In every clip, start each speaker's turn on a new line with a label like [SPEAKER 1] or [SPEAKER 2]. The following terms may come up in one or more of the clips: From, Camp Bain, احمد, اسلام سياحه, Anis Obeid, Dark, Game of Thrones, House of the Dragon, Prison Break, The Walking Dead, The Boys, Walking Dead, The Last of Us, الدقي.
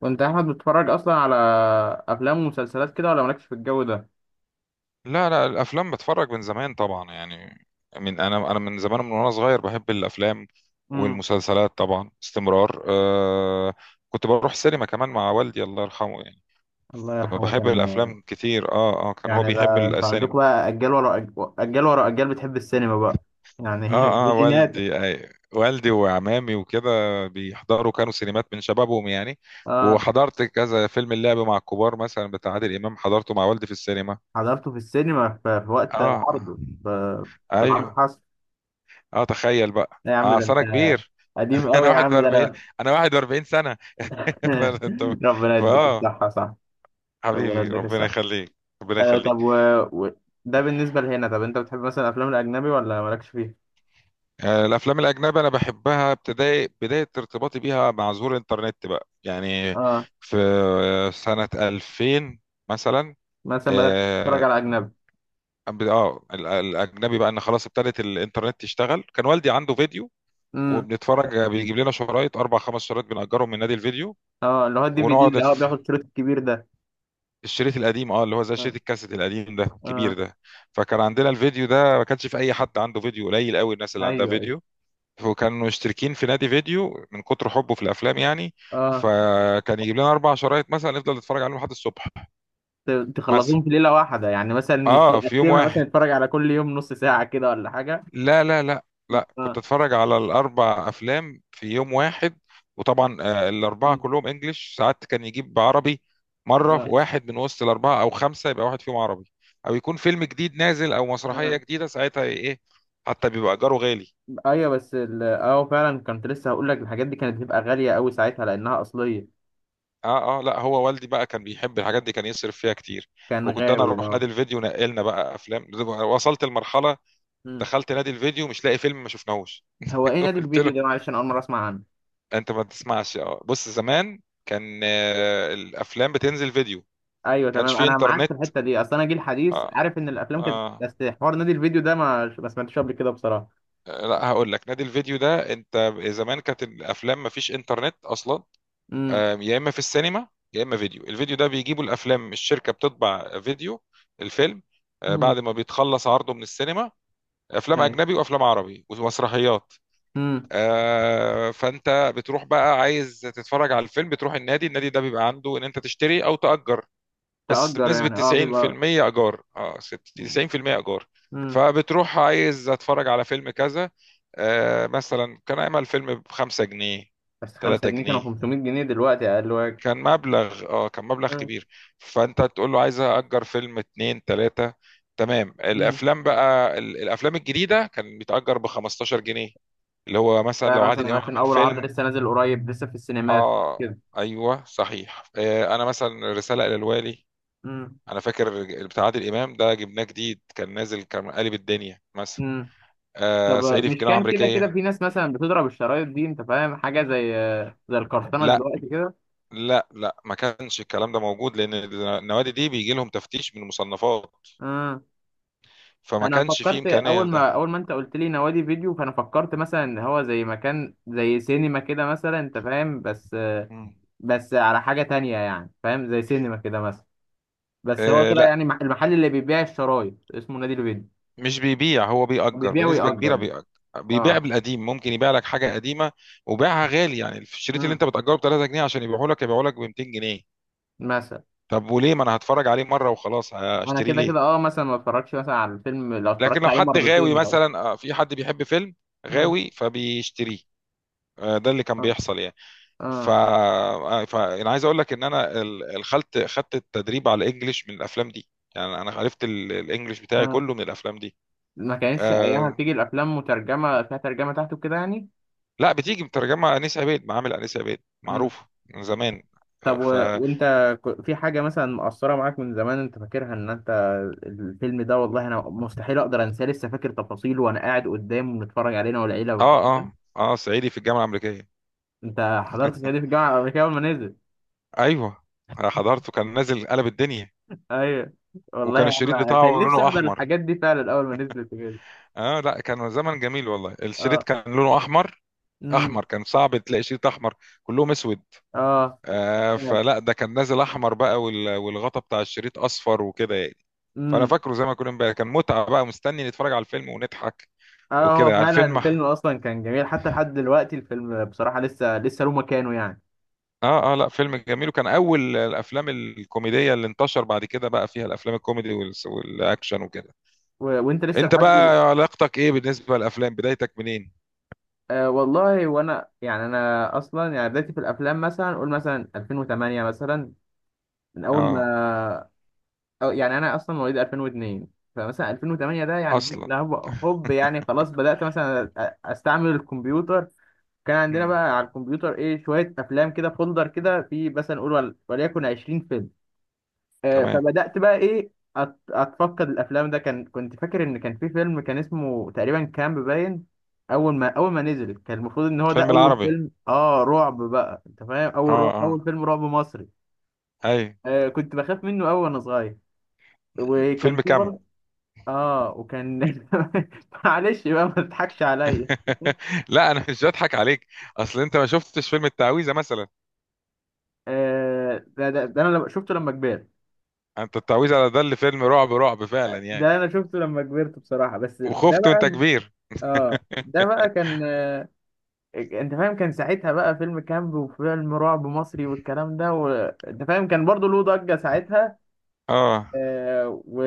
[SPEAKER 1] وانت يا احمد بتتفرج اصلا على افلام ومسلسلات كده، ولا مالكش في الجو ده؟
[SPEAKER 2] لا لا الافلام بتفرج من زمان طبعا يعني. من انا من زمان من وانا صغير بحب الافلام
[SPEAKER 1] امم.
[SPEAKER 2] والمسلسلات طبعا استمرار. كنت بروح سينما كمان مع والدي الله يرحمه يعني،
[SPEAKER 1] الله يرحمه
[SPEAKER 2] فبحب
[SPEAKER 1] كان.
[SPEAKER 2] الافلام كتير. اه كان هو
[SPEAKER 1] يعني
[SPEAKER 2] بيحب
[SPEAKER 1] ده انتوا
[SPEAKER 2] السينما.
[SPEAKER 1] عندكم بقى اجيال ورا اجيال ورا اجيال بتحب السينما بقى. يعني دي
[SPEAKER 2] اه
[SPEAKER 1] جيناتك.
[SPEAKER 2] والدي، والدي وعمامي وكده بيحضروا كانوا سينمات من شبابهم يعني.
[SPEAKER 1] اه،
[SPEAKER 2] وحضرت كذا فيلم، اللعب مع الكبار مثلا بتاع عادل امام حضرته مع والدي في السينما.
[SPEAKER 1] حضرته في السينما في وقت
[SPEAKER 2] اه اه
[SPEAKER 1] عرضه. في العرض
[SPEAKER 2] ايوه.
[SPEAKER 1] حصل؟
[SPEAKER 2] اه تخيل بقى،
[SPEAKER 1] لا يا عم ده
[SPEAKER 2] أصل
[SPEAKER 1] انت
[SPEAKER 2] انا كبير.
[SPEAKER 1] قديم قوي يا
[SPEAKER 2] انا
[SPEAKER 1] عم، ده
[SPEAKER 2] 41
[SPEAKER 1] انا.
[SPEAKER 2] انا 41 سنه. انت
[SPEAKER 1] ربنا يديك
[SPEAKER 2] فاه
[SPEAKER 1] الصحة، صح. ربنا
[SPEAKER 2] حبيبي
[SPEAKER 1] يديك
[SPEAKER 2] ربنا
[SPEAKER 1] الصحة.
[SPEAKER 2] يخليك، ربنا
[SPEAKER 1] طب
[SPEAKER 2] يخليك.
[SPEAKER 1] و... ده بالنسبة لهنا. طب انت بتحب مثلا الافلام الاجنبي ولا مالكش فيه؟
[SPEAKER 2] الافلام الاجنبيه انا بحبها ابتدائي، بدايه ارتباطي بيها مع ظهور الانترنت بقى يعني،
[SPEAKER 1] اه،
[SPEAKER 2] في سنه 2000 مثلا.
[SPEAKER 1] مثلا بدأت تتفرج على
[SPEAKER 2] اه
[SPEAKER 1] اجنبي؟
[SPEAKER 2] الاجنبي بقى، ان خلاص ابتدت الانترنت تشتغل، كان والدي عنده فيديو وبنتفرج، بيجيب لنا شرايط، اربع خمس شرايط بنأجرهم من نادي الفيديو.
[SPEAKER 1] اه، اللي هو الدي في دي
[SPEAKER 2] ونقعد
[SPEAKER 1] اللي هو بياخد كيلو الكبير ده.
[SPEAKER 2] الشريط القديم، اللي هو زي شريط
[SPEAKER 1] اه،
[SPEAKER 2] الكاسيت القديم ده الكبير
[SPEAKER 1] اه.
[SPEAKER 2] ده. فكان عندنا الفيديو ده، ما كانش في اي حد عنده فيديو، قليل قوي الناس اللي عندها
[SPEAKER 1] ايوه، ايوه.
[SPEAKER 2] فيديو، وكانوا مشتركين في نادي فيديو من كتر حبه في الافلام يعني.
[SPEAKER 1] اه.
[SPEAKER 2] فكان يجيب لنا اربع شرايط مثلا نفضل نتفرج عليهم لحد الصبح.
[SPEAKER 1] ت-
[SPEAKER 2] مثلا
[SPEAKER 1] تخلصوهم في ليله واحده يعني؟ مثلا مش
[SPEAKER 2] اه في يوم
[SPEAKER 1] يقسمها مثلا
[SPEAKER 2] واحد.
[SPEAKER 1] يتفرج على كل يوم نص ساعه كده ولا حاجه؟
[SPEAKER 2] لا لا لا، لا
[SPEAKER 1] اه.
[SPEAKER 2] كنت اتفرج على الاربع افلام في يوم واحد. وطبعا الاربعه
[SPEAKER 1] م.
[SPEAKER 2] كلهم انجليش، ساعات كان يجيب عربي مره، في
[SPEAKER 1] اه،
[SPEAKER 2] واحد من وسط الاربعه او خمسه يبقى واحد فيهم عربي، او يكون فيلم جديد نازل او مسرحيه
[SPEAKER 1] اه.
[SPEAKER 2] جديده ساعتها ايه إيه، حتى بيبقى اجاره غالي.
[SPEAKER 1] ايوه، بس فعلا كنت لسه هقول لك الحاجات دي كانت بتبقى غاليه قوي ساعتها لانها اصليه.
[SPEAKER 2] اه لا، هو والدي بقى كان بيحب الحاجات دي، كان يصرف فيها كتير.
[SPEAKER 1] كان
[SPEAKER 2] وكنت انا
[SPEAKER 1] غاوي
[SPEAKER 2] اروح نادي
[SPEAKER 1] اه.
[SPEAKER 2] الفيديو، نقلنا بقى افلام، وصلت المرحله
[SPEAKER 1] م.
[SPEAKER 2] دخلت نادي الفيديو مش لاقي فيلم ما شفناهوش.
[SPEAKER 1] هو ايه نادي
[SPEAKER 2] قلت له
[SPEAKER 1] الفيديو ده؟ معلش، انا اول مره اسمع عنه.
[SPEAKER 2] انت ما تسمعش؟ اه بص، زمان كان الافلام بتنزل فيديو،
[SPEAKER 1] ايوه،
[SPEAKER 2] كانش
[SPEAKER 1] تمام،
[SPEAKER 2] في
[SPEAKER 1] انا معاك في
[SPEAKER 2] انترنت.
[SPEAKER 1] الحته دي. اصل انا جيل حديث
[SPEAKER 2] اه
[SPEAKER 1] عارف ان الافلام كانت،
[SPEAKER 2] اه
[SPEAKER 1] بس حوار نادي الفيديو ده ما سمعتش قبل كده بصراحه.
[SPEAKER 2] لا هقول لك، نادي الفيديو ده، انت زمان كانت الافلام ما فيش انترنت اصلا.
[SPEAKER 1] امم.
[SPEAKER 2] يا اما في السينما يا اما فيديو، الفيديو ده بيجيبوا الافلام، الشركه بتطبع فيديو الفيلم
[SPEAKER 1] امم.
[SPEAKER 2] بعد ما بيتخلص عرضه من السينما. افلام اجنبي وافلام عربي ومسرحيات.
[SPEAKER 1] ايوه.
[SPEAKER 2] فانت بتروح بقى عايز تتفرج على الفيلم، بتروح النادي، النادي ده بيبقى عنده ان انت تشتري او تأجر. بس
[SPEAKER 1] تأجر
[SPEAKER 2] بنسبة
[SPEAKER 1] يعني، اه بتبقى.
[SPEAKER 2] 90% إيجار. اه 60 90% إيجار.
[SPEAKER 1] امم.
[SPEAKER 2] فبتروح عايز أتفرج على فيلم كذا. مثلا كان أعمل فيلم بخمسة جنيه،
[SPEAKER 1] بس 5
[SPEAKER 2] تلاتة
[SPEAKER 1] جنيه كانوا
[SPEAKER 2] جنيه.
[SPEAKER 1] 500 جنيه دلوقتي اقل واجب.
[SPEAKER 2] كان مبلغ، كان مبلغ كبير. فأنت تقول له عايز أأجر فيلم اتنين تلاتة، تمام.
[SPEAKER 1] امم.
[SPEAKER 2] الأفلام بقى، الأفلام الجديدة كان بيتأجر بخمستاشر جنيه، اللي هو مثلا
[SPEAKER 1] ده
[SPEAKER 2] لو عادل
[SPEAKER 1] مثلا
[SPEAKER 2] إمام
[SPEAKER 1] عشان
[SPEAKER 2] عامل
[SPEAKER 1] اول عرض
[SPEAKER 2] فيلم.
[SPEAKER 1] لسه نازل قريب لسه في السينمات
[SPEAKER 2] اه
[SPEAKER 1] كده.
[SPEAKER 2] ايوه صحيح، انا مثلا رساله الى الوالي.
[SPEAKER 1] امم.
[SPEAKER 2] انا فاكر بتاع عادل امام ده، جبناه جديد كان نازل، كان قالب الدنيا مثلا.
[SPEAKER 1] امم. طب
[SPEAKER 2] صعيدي في
[SPEAKER 1] مش
[SPEAKER 2] الجامعه
[SPEAKER 1] كان كده كده
[SPEAKER 2] الامريكيه.
[SPEAKER 1] في ناس مثلا بتضرب الشرايط دي؟ انت فاهم حاجه زي القرطنه
[SPEAKER 2] لا
[SPEAKER 1] دلوقتي كده.
[SPEAKER 2] لا لا ما كانش الكلام ده موجود، لان النوادي دي بيجي لهم تفتيش من المصنفات،
[SPEAKER 1] امم.
[SPEAKER 2] فما
[SPEAKER 1] انا
[SPEAKER 2] كانش فيه
[SPEAKER 1] فكرت
[SPEAKER 2] امكانيه
[SPEAKER 1] اول ما
[SPEAKER 2] لده.
[SPEAKER 1] اول ما انت قلت لي نوادي فيديو، فانا فكرت مثلا ان هو زي مكان زي سينما كده مثلا، انت فاهم؟ بس.
[SPEAKER 2] مم.
[SPEAKER 1] بس على حاجه تانية يعني، فاهم؟ زي سينما كده مثلا. بس هو طلع
[SPEAKER 2] لا
[SPEAKER 1] يعني المحل اللي بيبيع الشرايط اسمه نادي البيض.
[SPEAKER 2] مش بيبيع، هو
[SPEAKER 1] هو
[SPEAKER 2] بيأجر،
[SPEAKER 1] بيبيع
[SPEAKER 2] بنسبه
[SPEAKER 1] ويأجر
[SPEAKER 2] كبيره
[SPEAKER 1] يعني؟
[SPEAKER 2] بيأجر. بيبيع
[SPEAKER 1] اه.
[SPEAKER 2] بالقديم، ممكن يبيع لك حاجه قديمه وبيعها غالي، يعني الشريط اللي
[SPEAKER 1] امم.
[SPEAKER 2] انت بتأجره ب 3 جنيه، عشان يبيعه لك يبيعه لك ب 200 جنيه.
[SPEAKER 1] مثلا
[SPEAKER 2] طب وليه ما انا هتفرج عليه مره وخلاص،
[SPEAKER 1] انا
[SPEAKER 2] هشتريه
[SPEAKER 1] كده
[SPEAKER 2] ليه؟
[SPEAKER 1] كده اه، مثلا ما اتفرجش مثلا على الفيلم. لو
[SPEAKER 2] لكن
[SPEAKER 1] اتفرجت
[SPEAKER 2] لو
[SPEAKER 1] عليه
[SPEAKER 2] حد
[SPEAKER 1] مرتين
[SPEAKER 2] غاوي،
[SPEAKER 1] لو.
[SPEAKER 2] مثلا في حد بيحب فيلم،
[SPEAKER 1] امم.
[SPEAKER 2] غاوي فبيشتريه. ده اللي كان
[SPEAKER 1] اه،
[SPEAKER 2] بيحصل يعني.
[SPEAKER 1] اه.
[SPEAKER 2] انا عايز اقول لك ان انا ال- الخلت خدت التدريب على الانجليش من الافلام دي، يعني انا عرفت الانجليش بتاعي
[SPEAKER 1] اه،
[SPEAKER 2] كله من الافلام دي.
[SPEAKER 1] ما كانتش ايامها
[SPEAKER 2] آه...
[SPEAKER 1] بتيجي الافلام مترجمه فيها ترجمه تحته كده يعني؟
[SPEAKER 2] لا بتيجي مترجمه، انيس عبيد، معامل انيس عبيد
[SPEAKER 1] امم.
[SPEAKER 2] معروفه من زمان. آه،
[SPEAKER 1] طب
[SPEAKER 2] ف اه
[SPEAKER 1] وانت في حاجه مثلا مأثره معاك من زمان انت فاكرها ان انت: الفيلم ده والله انا مستحيل اقدر انساه لسه فاكر تفاصيله وانا قاعد قدامه بنتفرج علينا والعيله والكلام ده.
[SPEAKER 2] اه صعيدي في الجامعه الامريكيه.
[SPEAKER 1] انت حضرت صعيدي في الجامعه الامريكيه اول ما نزل؟
[SPEAKER 2] ايوه، أنا حضرته كان نازل قلب الدنيا.
[SPEAKER 1] ايوه، والله يا
[SPEAKER 2] وكان
[SPEAKER 1] عم
[SPEAKER 2] الشريط
[SPEAKER 1] أنا
[SPEAKER 2] بتاعه
[SPEAKER 1] كان نفسي
[SPEAKER 2] لونه
[SPEAKER 1] احضر
[SPEAKER 2] احمر.
[SPEAKER 1] الحاجات دي فعلا اول ما نزلت كده.
[SPEAKER 2] اه لا كان زمن جميل والله، الشريط
[SPEAKER 1] اه.
[SPEAKER 2] كان لونه احمر.
[SPEAKER 1] امم.
[SPEAKER 2] احمر، كان صعب تلاقي شريط احمر، كلهم اسود.
[SPEAKER 1] اه،
[SPEAKER 2] آه
[SPEAKER 1] فعلا.
[SPEAKER 2] فلا ده كان نازل احمر بقى، والغطا بتاع الشريط اصفر وكده يعني. فانا
[SPEAKER 1] امم.
[SPEAKER 2] فاكره زي ما كنا امبارح، كان متعه بقى مستني نتفرج على الفيلم ونضحك
[SPEAKER 1] اه، هو
[SPEAKER 2] وكده على
[SPEAKER 1] فعلا
[SPEAKER 2] الفيلم.
[SPEAKER 1] الفيلم اصلا كان جميل. حتى لحد دلوقتي الفيلم بصراحه لسه له مكانه يعني.
[SPEAKER 2] اه لا فيلم جميل، وكان اول الافلام الكوميديه اللي انتشر بعد كده، بقى فيها الافلام الكوميدي والاكشن وكده.
[SPEAKER 1] وانت لسه
[SPEAKER 2] انت
[SPEAKER 1] لحد
[SPEAKER 2] بقى، علاقتك ايه بالنسبه للافلام؟ بدايتك منين؟
[SPEAKER 1] آه والله وانا يعني انا اصلا يعني بدايتي في الافلام، مثلا قول مثلا 2008 مثلا، من اول
[SPEAKER 2] اه،
[SPEAKER 1] ما. أو يعني انا اصلا مواليد 2002. فمثلا 2008 ده يعني
[SPEAKER 2] اصلا.
[SPEAKER 1] هوب هوب يعني خلاص بدات مثلا استعمل الكمبيوتر. كان عندنا
[SPEAKER 2] مم.
[SPEAKER 1] بقى على الكمبيوتر ايه شويه افلام كده، فولدر كده في مثلا نقول وليكن 20 فيلم.
[SPEAKER 2] تمام.
[SPEAKER 1] فبدات بقى ايه اتفقد الافلام ده. كان كنت فاكر ان كان في فيلم كان اسمه تقريبا كامب باين. اول ما نزل كان المفروض ان هو ده
[SPEAKER 2] الفيلم
[SPEAKER 1] اول
[SPEAKER 2] العربي.
[SPEAKER 1] فيلم اه رعب بقى، انت فاهم؟
[SPEAKER 2] اه
[SPEAKER 1] اول رعب اول
[SPEAKER 2] اه
[SPEAKER 1] فيلم رعب مصري.
[SPEAKER 2] اي.
[SPEAKER 1] آه، كنت بخاف منه اول وانا صغير. وكان
[SPEAKER 2] فيلم
[SPEAKER 1] في
[SPEAKER 2] كامب.
[SPEAKER 1] برضه. اه، وكان معلش بقى ما تضحكش عليا.
[SPEAKER 2] لا انا مش بضحك عليك، اصل انت ما شفتش فيلم التعويذه مثلا؟
[SPEAKER 1] آه، ده انا شفته لما كبرت.
[SPEAKER 2] انت التعويذه على، ده اللي فيلم رعب رعب فعلا يعني.
[SPEAKER 1] ده انا شفته لما كبرت بصراحه، بس ده
[SPEAKER 2] وخفت وانت
[SPEAKER 1] بقى.
[SPEAKER 2] كبير.
[SPEAKER 1] اه، ده بقى كان انت فاهم؟ كان ساعتها بقى فيلم كامب وفيلم رعب مصري والكلام ده، وانت فاهم كان برضو له ضجه ساعتها.
[SPEAKER 2] اه
[SPEAKER 1] آه و...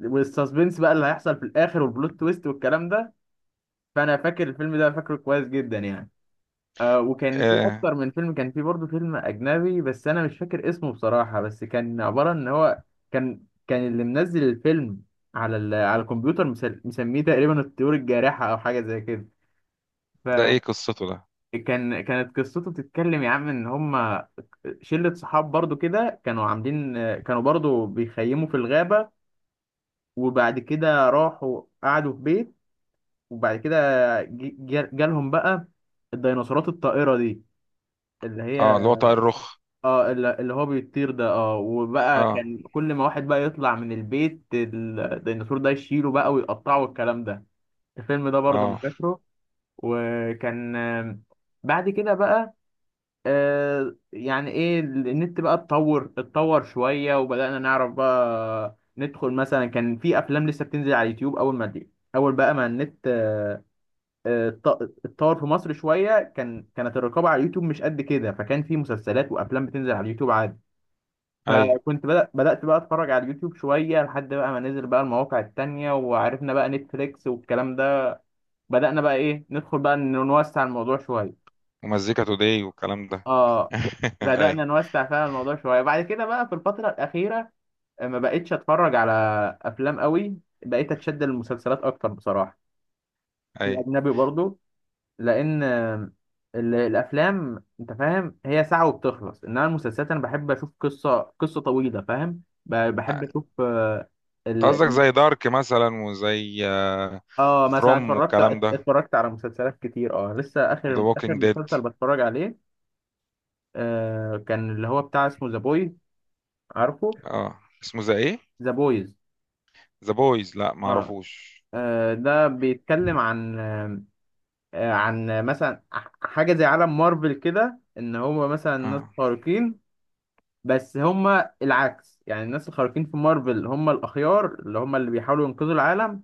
[SPEAKER 1] والسسبنس بقى اللي هيحصل في الاخر والبلوت تويست والكلام ده. فانا فاكر الفيلم ده، فاكره كويس جدا يعني. آه، وكان في
[SPEAKER 2] آه،
[SPEAKER 1] اكتر من فيلم. كان في برضه فيلم اجنبي بس انا مش فاكر اسمه بصراحه، بس كان عباره ان هو. كان اللي منزل الفيلم على الكمبيوتر مسميه تقريبا الطيور الجارحه او حاجه زي كده.
[SPEAKER 2] ده ايه قصته ده؟
[SPEAKER 1] كانت قصته بتتكلم يا عم ان هم. شله صحاب برضه كده، كانوا عاملين. كانوا برضه بيخيموا في الغابه. وبعد كده راحوا قعدوا في بيت. وبعد كده جالهم بقى. الديناصورات الطائره دي. اللي هي.
[SPEAKER 2] اه اللي هو طائر الرخ.
[SPEAKER 1] اه، اللي هو بيطير ده اه، وبقى
[SPEAKER 2] اه
[SPEAKER 1] كان كل ما واحد بقى يطلع من البيت الديناصور ده يشيله بقى ويقطعه والكلام ده. الفيلم ده برضه انا
[SPEAKER 2] اه
[SPEAKER 1] فاكره. وكان بعد كده بقى. يعني ايه النت بقى اتطور شوية، وبدأنا نعرف بقى ندخل، مثلا كان في افلام لسه بتنزل على اليوتيوب اول ما دي اول بقى ما النت اتطور في مصر شوية، كانت الرقابة على اليوتيوب مش قد كده، فكان في مسلسلات وافلام بتنزل على اليوتيوب عادي.
[SPEAKER 2] اي،
[SPEAKER 1] فكنت بدأت بقى اتفرج على اليوتيوب شوية، لحد بقى ما نزل بقى المواقع التانية وعرفنا بقى نتفليكس والكلام ده. بدأنا بقى ايه ندخل بقى إن نوسع الموضوع شوية.
[SPEAKER 2] ومزيكا توداي والكلام ده.
[SPEAKER 1] اه. بدأنا
[SPEAKER 2] اي
[SPEAKER 1] نوسع فعلا الموضوع شوية بعد كده بقى، في الفترة الأخيرة. ما بقتش اتفرج على افلام قوي. بقيت اتشد للمسلسلات اكتر بصراحة.
[SPEAKER 2] اي.
[SPEAKER 1] الاجنبي برضو. لان الافلام انت فاهم هي ساعة وبتخلص، انما المسلسلات انا بحب اشوف قصة طويلة، فاهم؟ بحب اشوف ال-
[SPEAKER 2] قصدك زي دارك مثلا وزي
[SPEAKER 1] اه مثلا
[SPEAKER 2] فروم
[SPEAKER 1] اتفرجت
[SPEAKER 2] والكلام ده،
[SPEAKER 1] اتفرجت على مسلسلات كتير، اه لسه
[SPEAKER 2] وذا
[SPEAKER 1] اخر
[SPEAKER 2] ووكينج ديد.
[SPEAKER 1] مسلسل بتفرج عليه. آه، كان اللي هو بتاع اسمه ذا بويز. عارفه؟
[SPEAKER 2] اه، اسمه زي ايه؟
[SPEAKER 1] ذا بويز.
[SPEAKER 2] ذا بويز؟ لا ما
[SPEAKER 1] اه.
[SPEAKER 2] اعرفوش.
[SPEAKER 1] ده بيتكلم عن عن مثلا حاجة زي عالم مارفل كده ان هو مثلا ناس
[SPEAKER 2] اه
[SPEAKER 1] خارقين. بس هم العكس يعني. الناس الخارقين في مارفل هم الاخيار اللي هم اللي بيحاولوا ينقذوا العالم.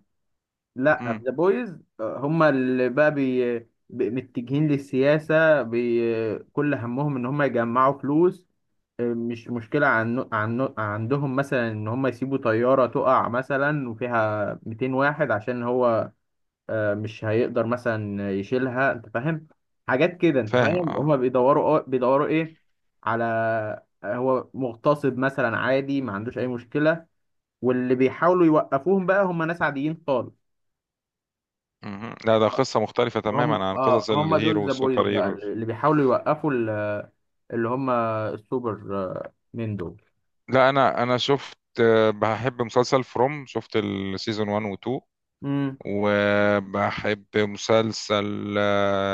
[SPEAKER 1] لا
[SPEAKER 2] امم
[SPEAKER 1] في ذا بويز هم اللي بقى متجهين للسياسة، كل همهم ان هم يجمعوا فلوس. مش مشكلة عندهم مثلا ان هم يسيبوا طيارة تقع مثلا وفيها 200 واحد، عشان هو. مش هيقدر مثلا يشيلها، انت فاهم؟ حاجات كده انت
[SPEAKER 2] فاهم
[SPEAKER 1] فاهم. هم
[SPEAKER 2] اه.
[SPEAKER 1] بيدوروا ايه على هو مغتصب مثلا عادي ما عندوش اي مشكلة. واللي بيحاولوا يوقفوهم بقى هم ناس عاديين.
[SPEAKER 2] لا ده قصة مختلفة
[SPEAKER 1] هم
[SPEAKER 2] تماما عن
[SPEAKER 1] اه
[SPEAKER 2] قصص
[SPEAKER 1] هم دول
[SPEAKER 2] الهيرو
[SPEAKER 1] ذا بويز
[SPEAKER 2] والسوبر
[SPEAKER 1] بقى
[SPEAKER 2] هيرو.
[SPEAKER 1] اللي بيحاولوا يوقفوا اللي هم السوبر مين دول.
[SPEAKER 2] لا انا شفت، بحب مسلسل فروم، شفت السيزون 1 و 2.
[SPEAKER 1] امم.
[SPEAKER 2] وبحب مسلسل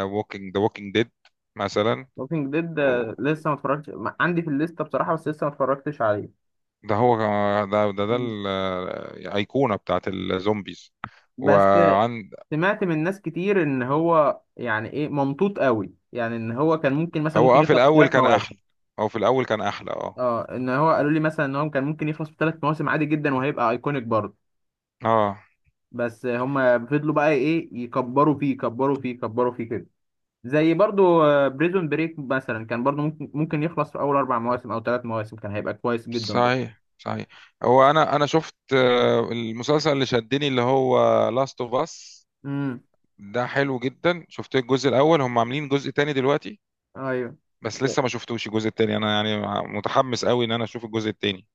[SPEAKER 2] ووكينج، ذا ووكينج ديد مثلا
[SPEAKER 1] ووكينج ديد.
[SPEAKER 2] و-
[SPEAKER 1] لسه ما اتفرجتش، عندي في الليسته بصراحه بس لسه ما اتفرجتش عليه.
[SPEAKER 2] ده هو. ده ده
[SPEAKER 1] مم.
[SPEAKER 2] الأيقونة بتاعت الزومبيز.
[SPEAKER 1] بس
[SPEAKER 2] وعند
[SPEAKER 1] سمعت من ناس كتير ان هو يعني ايه ممطوط قوي يعني، ان هو كان ممكن مثلا
[SPEAKER 2] هو
[SPEAKER 1] ممكن
[SPEAKER 2] في
[SPEAKER 1] يخلص في
[SPEAKER 2] الأول
[SPEAKER 1] ثلاث
[SPEAKER 2] كان
[SPEAKER 1] مواسم.
[SPEAKER 2] أحلى، هو في الأول كان أحلى اه.
[SPEAKER 1] اه، ان هو قالوا لي مثلا ان هو كان ممكن يخلص في ثلاث مواسم عادي جدا وهيبقى ايكونيك برضه.
[SPEAKER 2] اه
[SPEAKER 1] بس هم فضلوا بقى ايه يكبروا فيه يكبروا فيه يكبروا فيه كده. زي برضو بريزون بريك مثلا كان برضو ممكن يخلص في اول اربع مواسم او ثلاث مواسم كان هيبقى كويس جدا برضو.
[SPEAKER 2] صحيح صحيح. هو، انا شفت المسلسل اللي شدني اللي هو لاست اوف اس.
[SPEAKER 1] امم.
[SPEAKER 2] ده حلو جدا، شفت الجزء الاول، هم عاملين جزء تاني دلوقتي
[SPEAKER 1] ايوه.
[SPEAKER 2] بس لسه ما شفتوش الجزء التاني انا يعني، متحمس قوي ان انا اشوف الجزء التاني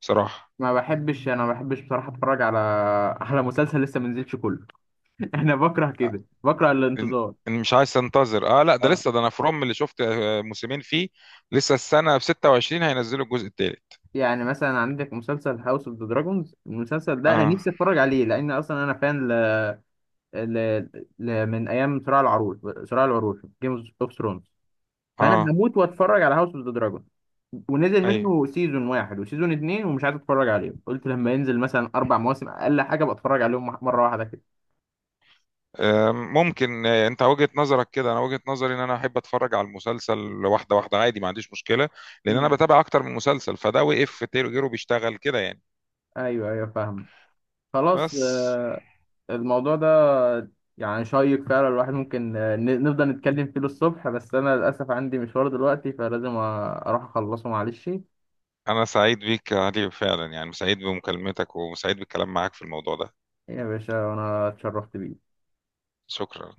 [SPEAKER 2] بصراحة.
[SPEAKER 1] ما بحبش بصراحه اتفرج على على مسلسل لسه ما نزلش كله. انا بكره كده، بكره
[SPEAKER 2] إن-
[SPEAKER 1] الانتظار.
[SPEAKER 2] إن مش عايز انتظر. اه لا ده
[SPEAKER 1] اه.
[SPEAKER 2] لسه، ده انا فروم اللي شفت موسمين فيه، لسه السنة في 26 هينزلوا الجزء التالت.
[SPEAKER 1] يعني مثلا عندك مسلسل هاوس اوف ذا دراجونز، المسلسل ده انا
[SPEAKER 2] اه
[SPEAKER 1] نفسي اتفرج عليه لان اصلا انا فان ل... من ايام صراع العروش. صراع العروش، جيم اوف ثرونز. فانا
[SPEAKER 2] اه
[SPEAKER 1] هموت واتفرج على هاوس اوف ذا دراجون. ونزل
[SPEAKER 2] ايوه.
[SPEAKER 1] منه سيزون واحد وسيزون اتنين ومش عايز اتفرج عليه، قلت لما ينزل مثلا اربع مواسم اقل حاجه بتفرج عليهم مره واحده كده.
[SPEAKER 2] ممكن انت وجهة نظرك كده، انا وجهة نظري ان انا احب اتفرج على المسلسل واحده واحده، عادي ما عنديش مشكله، لان انا
[SPEAKER 1] مم.
[SPEAKER 2] بتابع اكتر من مسلسل، فده وقف غيره بيشتغل كده يعني.
[SPEAKER 1] ايوه، ايوه، فاهم. خلاص.
[SPEAKER 2] بس،
[SPEAKER 1] الموضوع ده يعني شيق فعلا. الواحد ممكن نفضل نتكلم فيه للصبح، بس انا للاسف عندي مشوار دلوقتي فلازم اروح اخلصه معلش.
[SPEAKER 2] انا سعيد بيك يا علي فعلا، يعني سعيد بمكالمتك وسعيد بالكلام معاك في الموضوع ده.
[SPEAKER 1] يا باشا، وانا اتشرفت بيه.
[SPEAKER 2] شكرا.